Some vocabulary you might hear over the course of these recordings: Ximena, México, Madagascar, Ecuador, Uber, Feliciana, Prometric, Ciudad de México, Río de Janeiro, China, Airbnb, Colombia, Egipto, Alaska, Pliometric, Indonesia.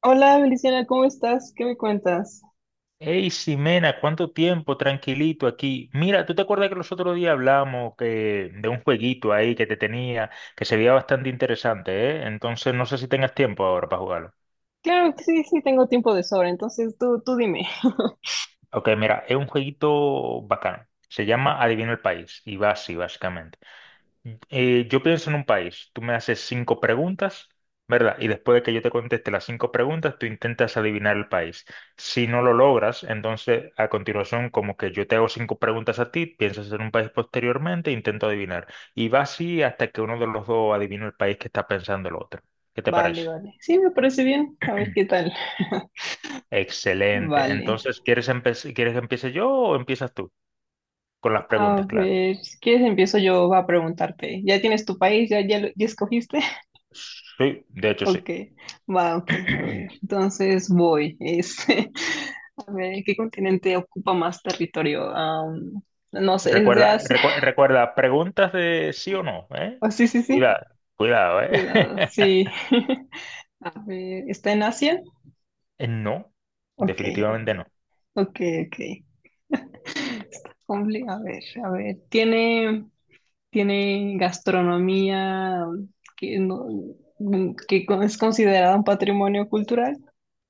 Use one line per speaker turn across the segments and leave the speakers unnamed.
Hola, Feliciana, ¿cómo estás? ¿Qué me cuentas?
Hey, Ximena, ¿cuánto tiempo? Tranquilito aquí. Mira, ¿tú te acuerdas que los otros días hablamos que, de un jueguito ahí que te tenía, que se veía bastante interesante, ¿eh? Entonces no sé si tengas tiempo ahora para jugarlo.
Claro que sí, sí, tengo tiempo de sobra, entonces tú dime.
Ok, mira, es un jueguito bacano. Se llama Adivina el país y va así, básicamente. Yo pienso en un país, tú me haces cinco preguntas, ¿verdad? Y después de que yo te conteste las cinco preguntas, tú intentas adivinar el país. Si no lo logras, entonces a continuación, como que yo te hago cinco preguntas a ti, piensas en un país posteriormente, e intento adivinar. Y va así hasta que uno de los dos adivina el país que está pensando el otro. ¿Qué te
Vale,
parece?
vale. Sí, me parece bien. A ver qué tal.
Excelente.
Vale.
Entonces, ¿quieres que empiece yo o empiezas tú? Con las
A
preguntas, claro.
ver, si quieres empiezo yo a preguntarte. ¿Ya tienes tu país? ¿Ya, ya, ya escogiste?
Sí, de hecho sí.
Ok, va, ok, a ver. Entonces voy. Es, a ver, ¿qué continente ocupa más territorio? No sé, ¿es de
Recuerda, vale.
Asia?
Recuerda, preguntas de sí o no, ¿eh?
Oh, sí, sí, sí.
Cuidado, cuidado, ¿eh?
Cuidado, sí. A ver, ¿está en Asia?
No,
Ok.
definitivamente no.
Ok, ok. A ver, a ver. Tiene, tiene gastronomía que, no, es considerada un patrimonio cultural.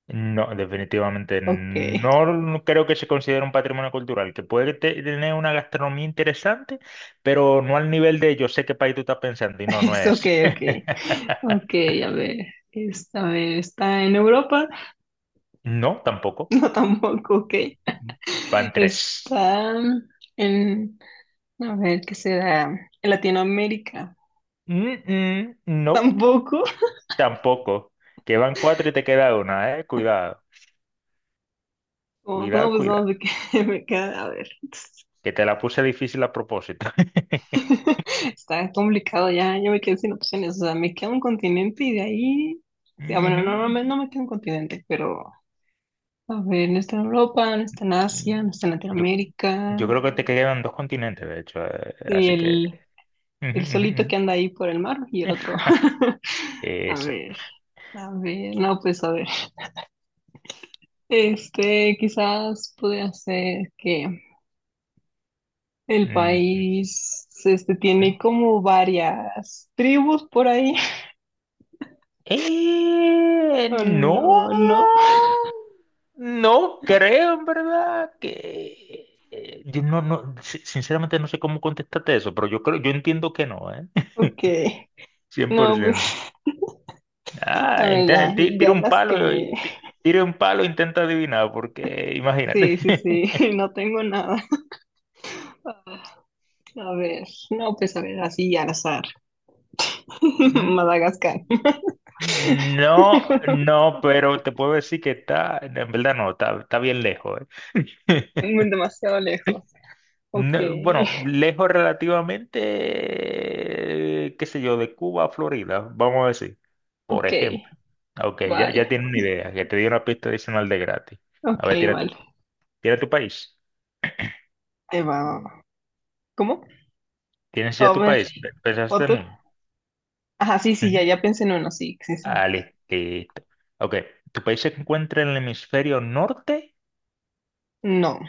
No, definitivamente
Ok,
no creo que se considere un patrimonio cultural, que tener una gastronomía interesante, pero no al nivel de yo sé qué país tú estás pensando y no, no
es ok,
es.
ok. Ok, a ver. A ver, ¿está en Europa?
No, tampoco.
No, tampoco, ok.
Van tres.
Está en, a ver, ¿qué será? En Latinoamérica.
No, nope,
Tampoco.
tampoco. Que van cuatro y te queda una, ¿eh? Cuidado,
Oh, no,
cuidado,
pues no,
cuidado.
me queda, a ver.
Que te la puse difícil a propósito.
Está complicado ya, yo me quedé sin opciones, o sea, me queda un continente y de ahí, o bueno,
Ujú,
no,
ujú.
no me queda un continente, pero a ver, no está en Europa, no está en
Mm,
Asia, no está en
Yo,
Latinoamérica,
yo creo que te quedan dos continentes, de hecho,
y
así que... Ujú,
el
ujú,
solito
ujú.
que anda ahí por el mar y el otro. A
Eso.
ver, a ver, no, pues a ver, este, quizás podría ser que el
Mm,
país, este,
mm.
tiene como varias tribus por ahí, o
No,
no, no,
no creo en verdad que yo no, no, si- sinceramente no sé cómo contestarte eso, pero yo creo, yo entiendo que no, ¿eh?
ok. No,
100%.
pues a ver, ya,
Tira
ya
un
las que
palo
me...
y tira un palo e intenta adivinar, porque imagínate.
Sí, sí, sí, no tengo nada. A ver, no, pues a ver, así al azar.
Mm,
Madagascar.
no, no, pero te puedo decir que está, en verdad no, está, está bien lejos. Eh.
Muy demasiado lejos. Ok,
No, bueno, lejos relativamente, qué sé yo, de Cuba a Florida, vamos a decir, por
ok,
ejemplo. Ok, ya,
vale.
ya tienes una idea, que te di una pista adicional de gratis. A
Ok,
ver,
vale.
tira tu país.
Te va. ¿Cómo?
¿Tienes
A
ya tu
ver,
país? ¿Pensaste
otro.
en
Ajá, sí, sí, ya,
uno?
ya pensé en uno, sí, sí, sí.
Ah, listo. Ok, tu país se encuentra en el hemisferio norte.
No,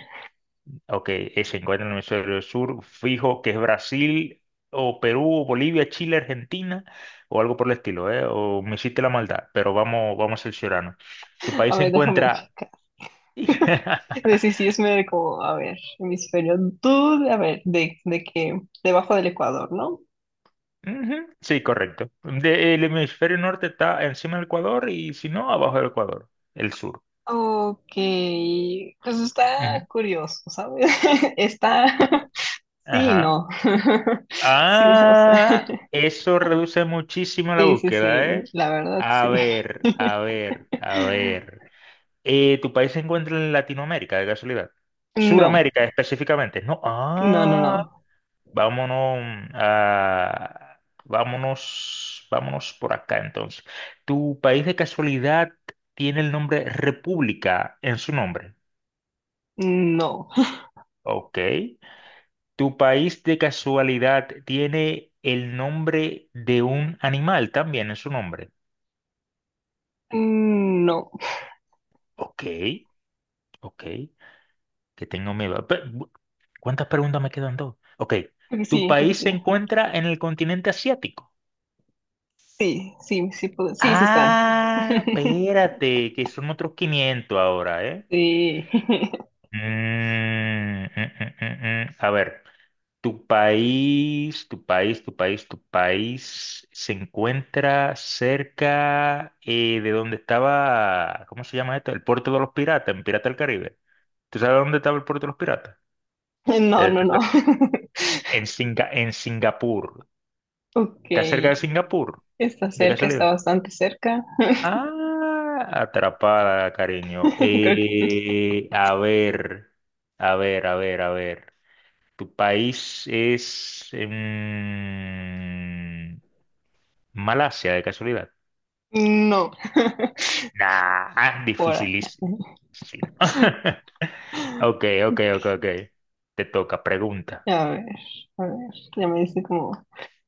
Ok, se encuentra en el hemisferio sur. Fijo que es Brasil o Perú o Bolivia, Chile, Argentina o algo por el estilo, ¿eh? O me hiciste la maldad, pero vamos, vamos a cerciorarnos. Tu
a
país se
ver, déjame
encuentra...
checar. Sí, sí, sí, es medio como, a ver, hemisferio, tú, a ver, de que debajo del Ecuador, ¿no?
Ujú, sí, correcto. El hemisferio norte está encima del Ecuador y si no, abajo del Ecuador, el sur.
Ok, pues está
Ujú.
curioso, ¿sabes? Está, sí,
Ajá.
no. Sí, o sea,
Ah, eso reduce muchísimo la
sí, sí,
búsqueda,
sí,
¿eh?
la verdad,
A
sí.
ver, a ver, a ver. ¿Tu país se encuentra en Latinoamérica, de casualidad?
No,
Suramérica específicamente. No,
no, no,
ah,
no,
vámonos a... Vámonos, vámonos por acá entonces. ¿Tu país de casualidad tiene el nombre República en su nombre?
no,
Ok. ¿Tu país de casualidad tiene el nombre de un animal también en su nombre?
no.
Ok, ok, que tengo miedo. ¿Cuántas preguntas me quedan dos? Ok,
Creo que
¿tu
sí, creo que
país
sí.
se encuentra en el continente asiático?
Sí, sí, sí, sí, sí está.
Ah, espérate, que son otros 500 ahora, ¿eh?
Sí,
Mm, mm, mm, mm, mm. A ver. Tu país se encuentra cerca de donde estaba, ¿cómo se llama esto? El puerto de los piratas, en Pirata del Caribe. ¿Tú sabes dónde estaba el puerto de los piratas?
no,
Te-
no,
te
no.
en Singapur.
Ok,
¿Está cerca de Singapur?
está
¿De
cerca, está
casualidad?
bastante cerca.
Ah, atrapada, cariño.
Creo que sí.
A ver, a ver. ¿Tu país es... Malasia, de casualidad.
No.
Nah,
Por ahí.
dificilísimo. Sí, no.
A
Ok, ok, ok, ok. Te toca, pregunta.
ver, a ver, ya me dice como,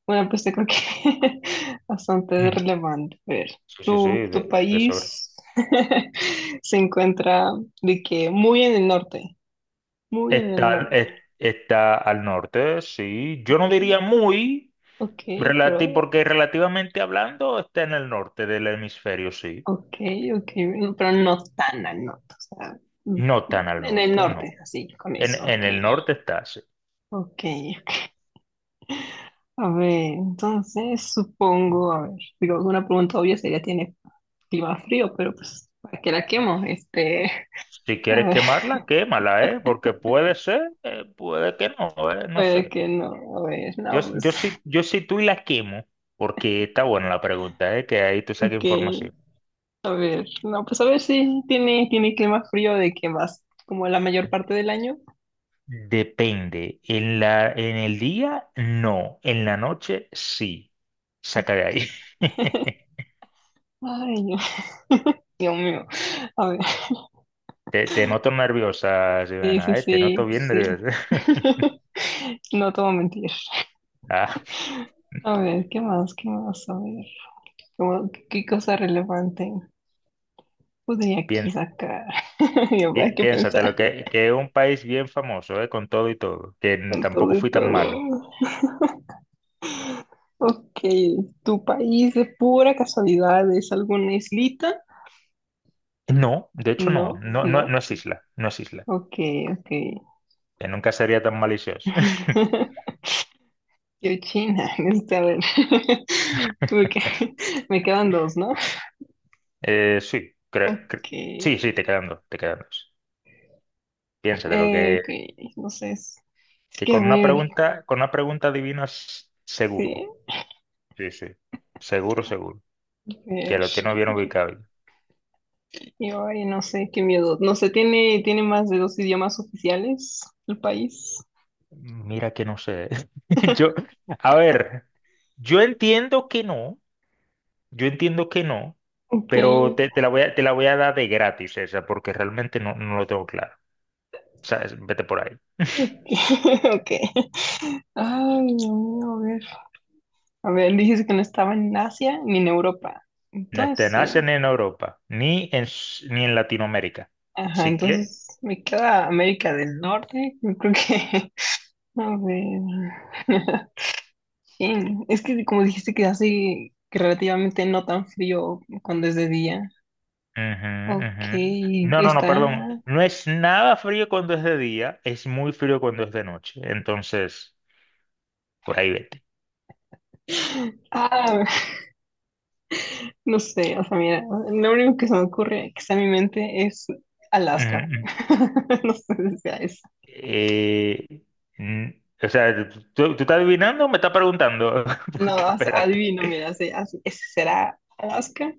bueno, pues creo que bastante
Ujú.
relevante. A ver,
Sí, sí, sí,
tu
de sobre.
país se encuentra de que muy en el norte, muy en el
Está, al-
norte.
es- está al norte, sí. Yo no
Ok,
diría muy,
ok, pero,
porque relativamente hablando está en el norte del hemisferio, sí.
ok, ok, bueno, pero no tan al norte, o sea,
No tan al
en el
norte, no.
norte, así, con eso,
En
ok,
el norte está, sí.
ok. Ok. A ver, entonces supongo, a ver, digo, una pregunta obvia sería, ¿tiene clima frío, pero pues, ¿para qué la quemo? Este,
Si
a
quieres
ver,
quemarla, quémala, ¿eh? Porque puede ser, puede que no, ¿eh? No
puede
sé.
que no, a ver, no, pues,
Yo sí, yo sí tú y la quemo, porque está buena la pregunta, ¿eh? Que ahí tú saques
ok,
información.
a ver, no, pues a ver si tiene, tiene clima frío de que más, como la mayor parte del año.
Depende. En el día, no. En la noche, sí. Saca de
Ok.
ahí.
Ay, no, Dios mío, a ver,
Te noto nerviosa,
sí, sí,
Ximena, ¿eh? Te noto
sí,
bien
sí.
nerviosa.
No te voy a mentir.
Ah,
A ver, ¿qué más? ¿Qué más? A ver, ¿qué, qué cosa relevante podría aquí
piens-
sacar? Yo, ¿para qué
piénsatelo,
pensar
que es un país bien famoso, ¿eh? Con todo y todo, que
con
tampoco
todo y
fui tan
todo?
malo.
Ok, ¿tu país de pura casualidad es alguna islita?
No, de hecho no,
No,
no, no,
no.
no es isla, no es isla,
Ok, ok.
que nunca sería tan malicioso.
Yo China, este, a ver. Ok, me quedan dos, ¿no?
Eh, sí, cre- cre-
Ok,
sí, sí, te quedan dos, te quedan dos. Piénsate lo
ok, no sé. Es
que
que a ver,
con una pregunta adivinas seguro.
sí,
Sí, sí. Seguro, seguro.
a
Que
ver.
lo tienes bien ubicado.
Yo ay, no sé, qué miedo. No sé, ¿tiene, tiene más de dos idiomas oficiales el país?
Mira que no sé. Yo, a ver, yo entiendo que no, yo entiendo que no,
Ok,
pero te la voy a dar de gratis esa, porque realmente no, no lo tengo claro. O sea, vete por ahí.
ok, ok. Ay, Dios mío, a ver. A ver, dices que no estaba en Asia ni en Europa.
No te
Entonces,
nacen en Europa, ni en Latinoamérica.
ajá,
Así que.
entonces me queda América del Norte. Yo creo que, a ver. Sí, es que como dijiste que hace que relativamente no tan frío cuando es de día.
Ujú,
Ok,
ujú. No, no, no,
está.
perdón. No es nada frío cuando es de día, es muy frío cuando es de noche. Entonces, por ahí vete.
Ah, no sé, o sea, mira, lo único que se me ocurre que está en mi mente es Alaska.
Ujú,
No sé si sea eso.
Eh, mm, o sea, ¿tú, tú estás adivinando o me estás preguntando? Porque
No, o sea,
espérate.
adivino, mira, sí, ese será Alaska.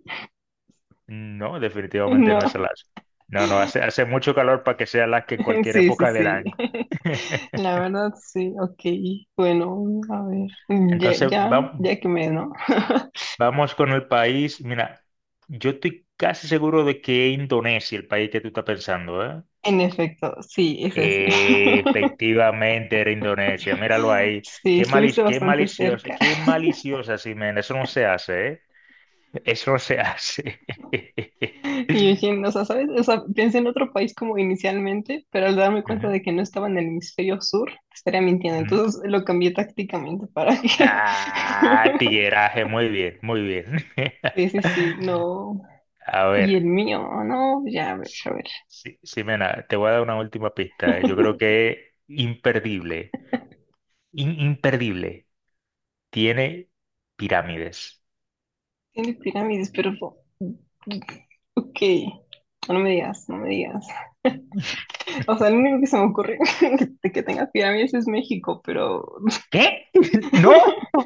No, definitivamente
No,
no es Alaska. No, no, hace, hace mucho calor para que sea Alaska en cualquier
sí, sí,
época del
sí.
año.
La verdad, sí, ok. Bueno, a ver. Ya,
Entonces,
ya, ya que me, ¿no?
vamos con el país. Mira, yo estoy casi seguro de que es Indonesia, el país que tú estás pensando, ¿eh?
En efecto, sí, es así.
Efectivamente, era Indonesia, míralo ahí.
Sí, estuviste bastante cerca.
Qué maliciosa, Ximena. Eso no se hace, ¿eh? Eso no se hace.
Y yo dije, no, o sea, ¿sabes? O sea, pensé en otro país como inicialmente, pero al darme cuenta
Ujú,
de que no estaba en el hemisferio sur, estaría mintiendo.
ujú.
Entonces lo cambié tácticamente para que...
Ah, tigueraje, muy bien, muy bien.
Sí, sí, sí, no.
A
Y
ver,
el mío, no, ya, a ver, a ver.
Ximena, te voy a dar una última pista. Eh. Yo creo que es imperdible, imperdible. Tiene pirámides.
Tiene pirámides, pero... ok, no me digas, no me digas. O sea, lo único que se me ocurre de que tenga pirámides es México, pero...
¿Qué? ¿No?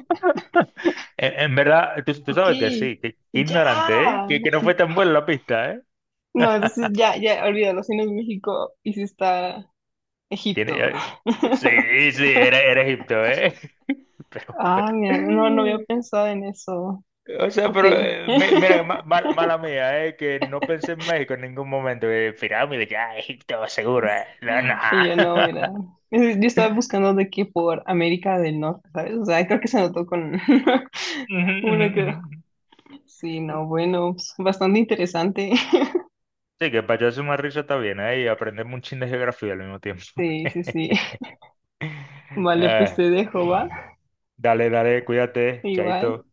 En verdad, tú
Ok,
sabes que sí, que qué
ya.
ignorante, ¿eh? Que no fue tan buena la pista, ¿eh?
No, entonces ya, ya, olvídalo, si no es México y si está
Tiene,
Egipto.
sí, sí, era, era Egipto, ¿eh? Pero,
Ah,
pero-
mira, no, no había pensado en eso.
O sea,
Ok.
pero, mira, mala, mala mía, ¿eh? Que no pensé en México en ningún momento. Pirámide, ya, Egipto, seguro, ¿eh? No, no.
Y yo no, mira. Yo estaba buscando de que por América del Norte, ¿sabes? O sea, creo que se notó con
Ujú, ujú,
uno que
ujú.
sí, no, bueno, pues, bastante interesante.
Sí, que para echarse una risa está bien, ¿eh? Y aprender un chin de geografía al mismo tiempo.
Sí, sí, sí. Vale, pues
Ah,
te dejo, ¿va?
dale, dale, cuídate,
Igual.
chaito.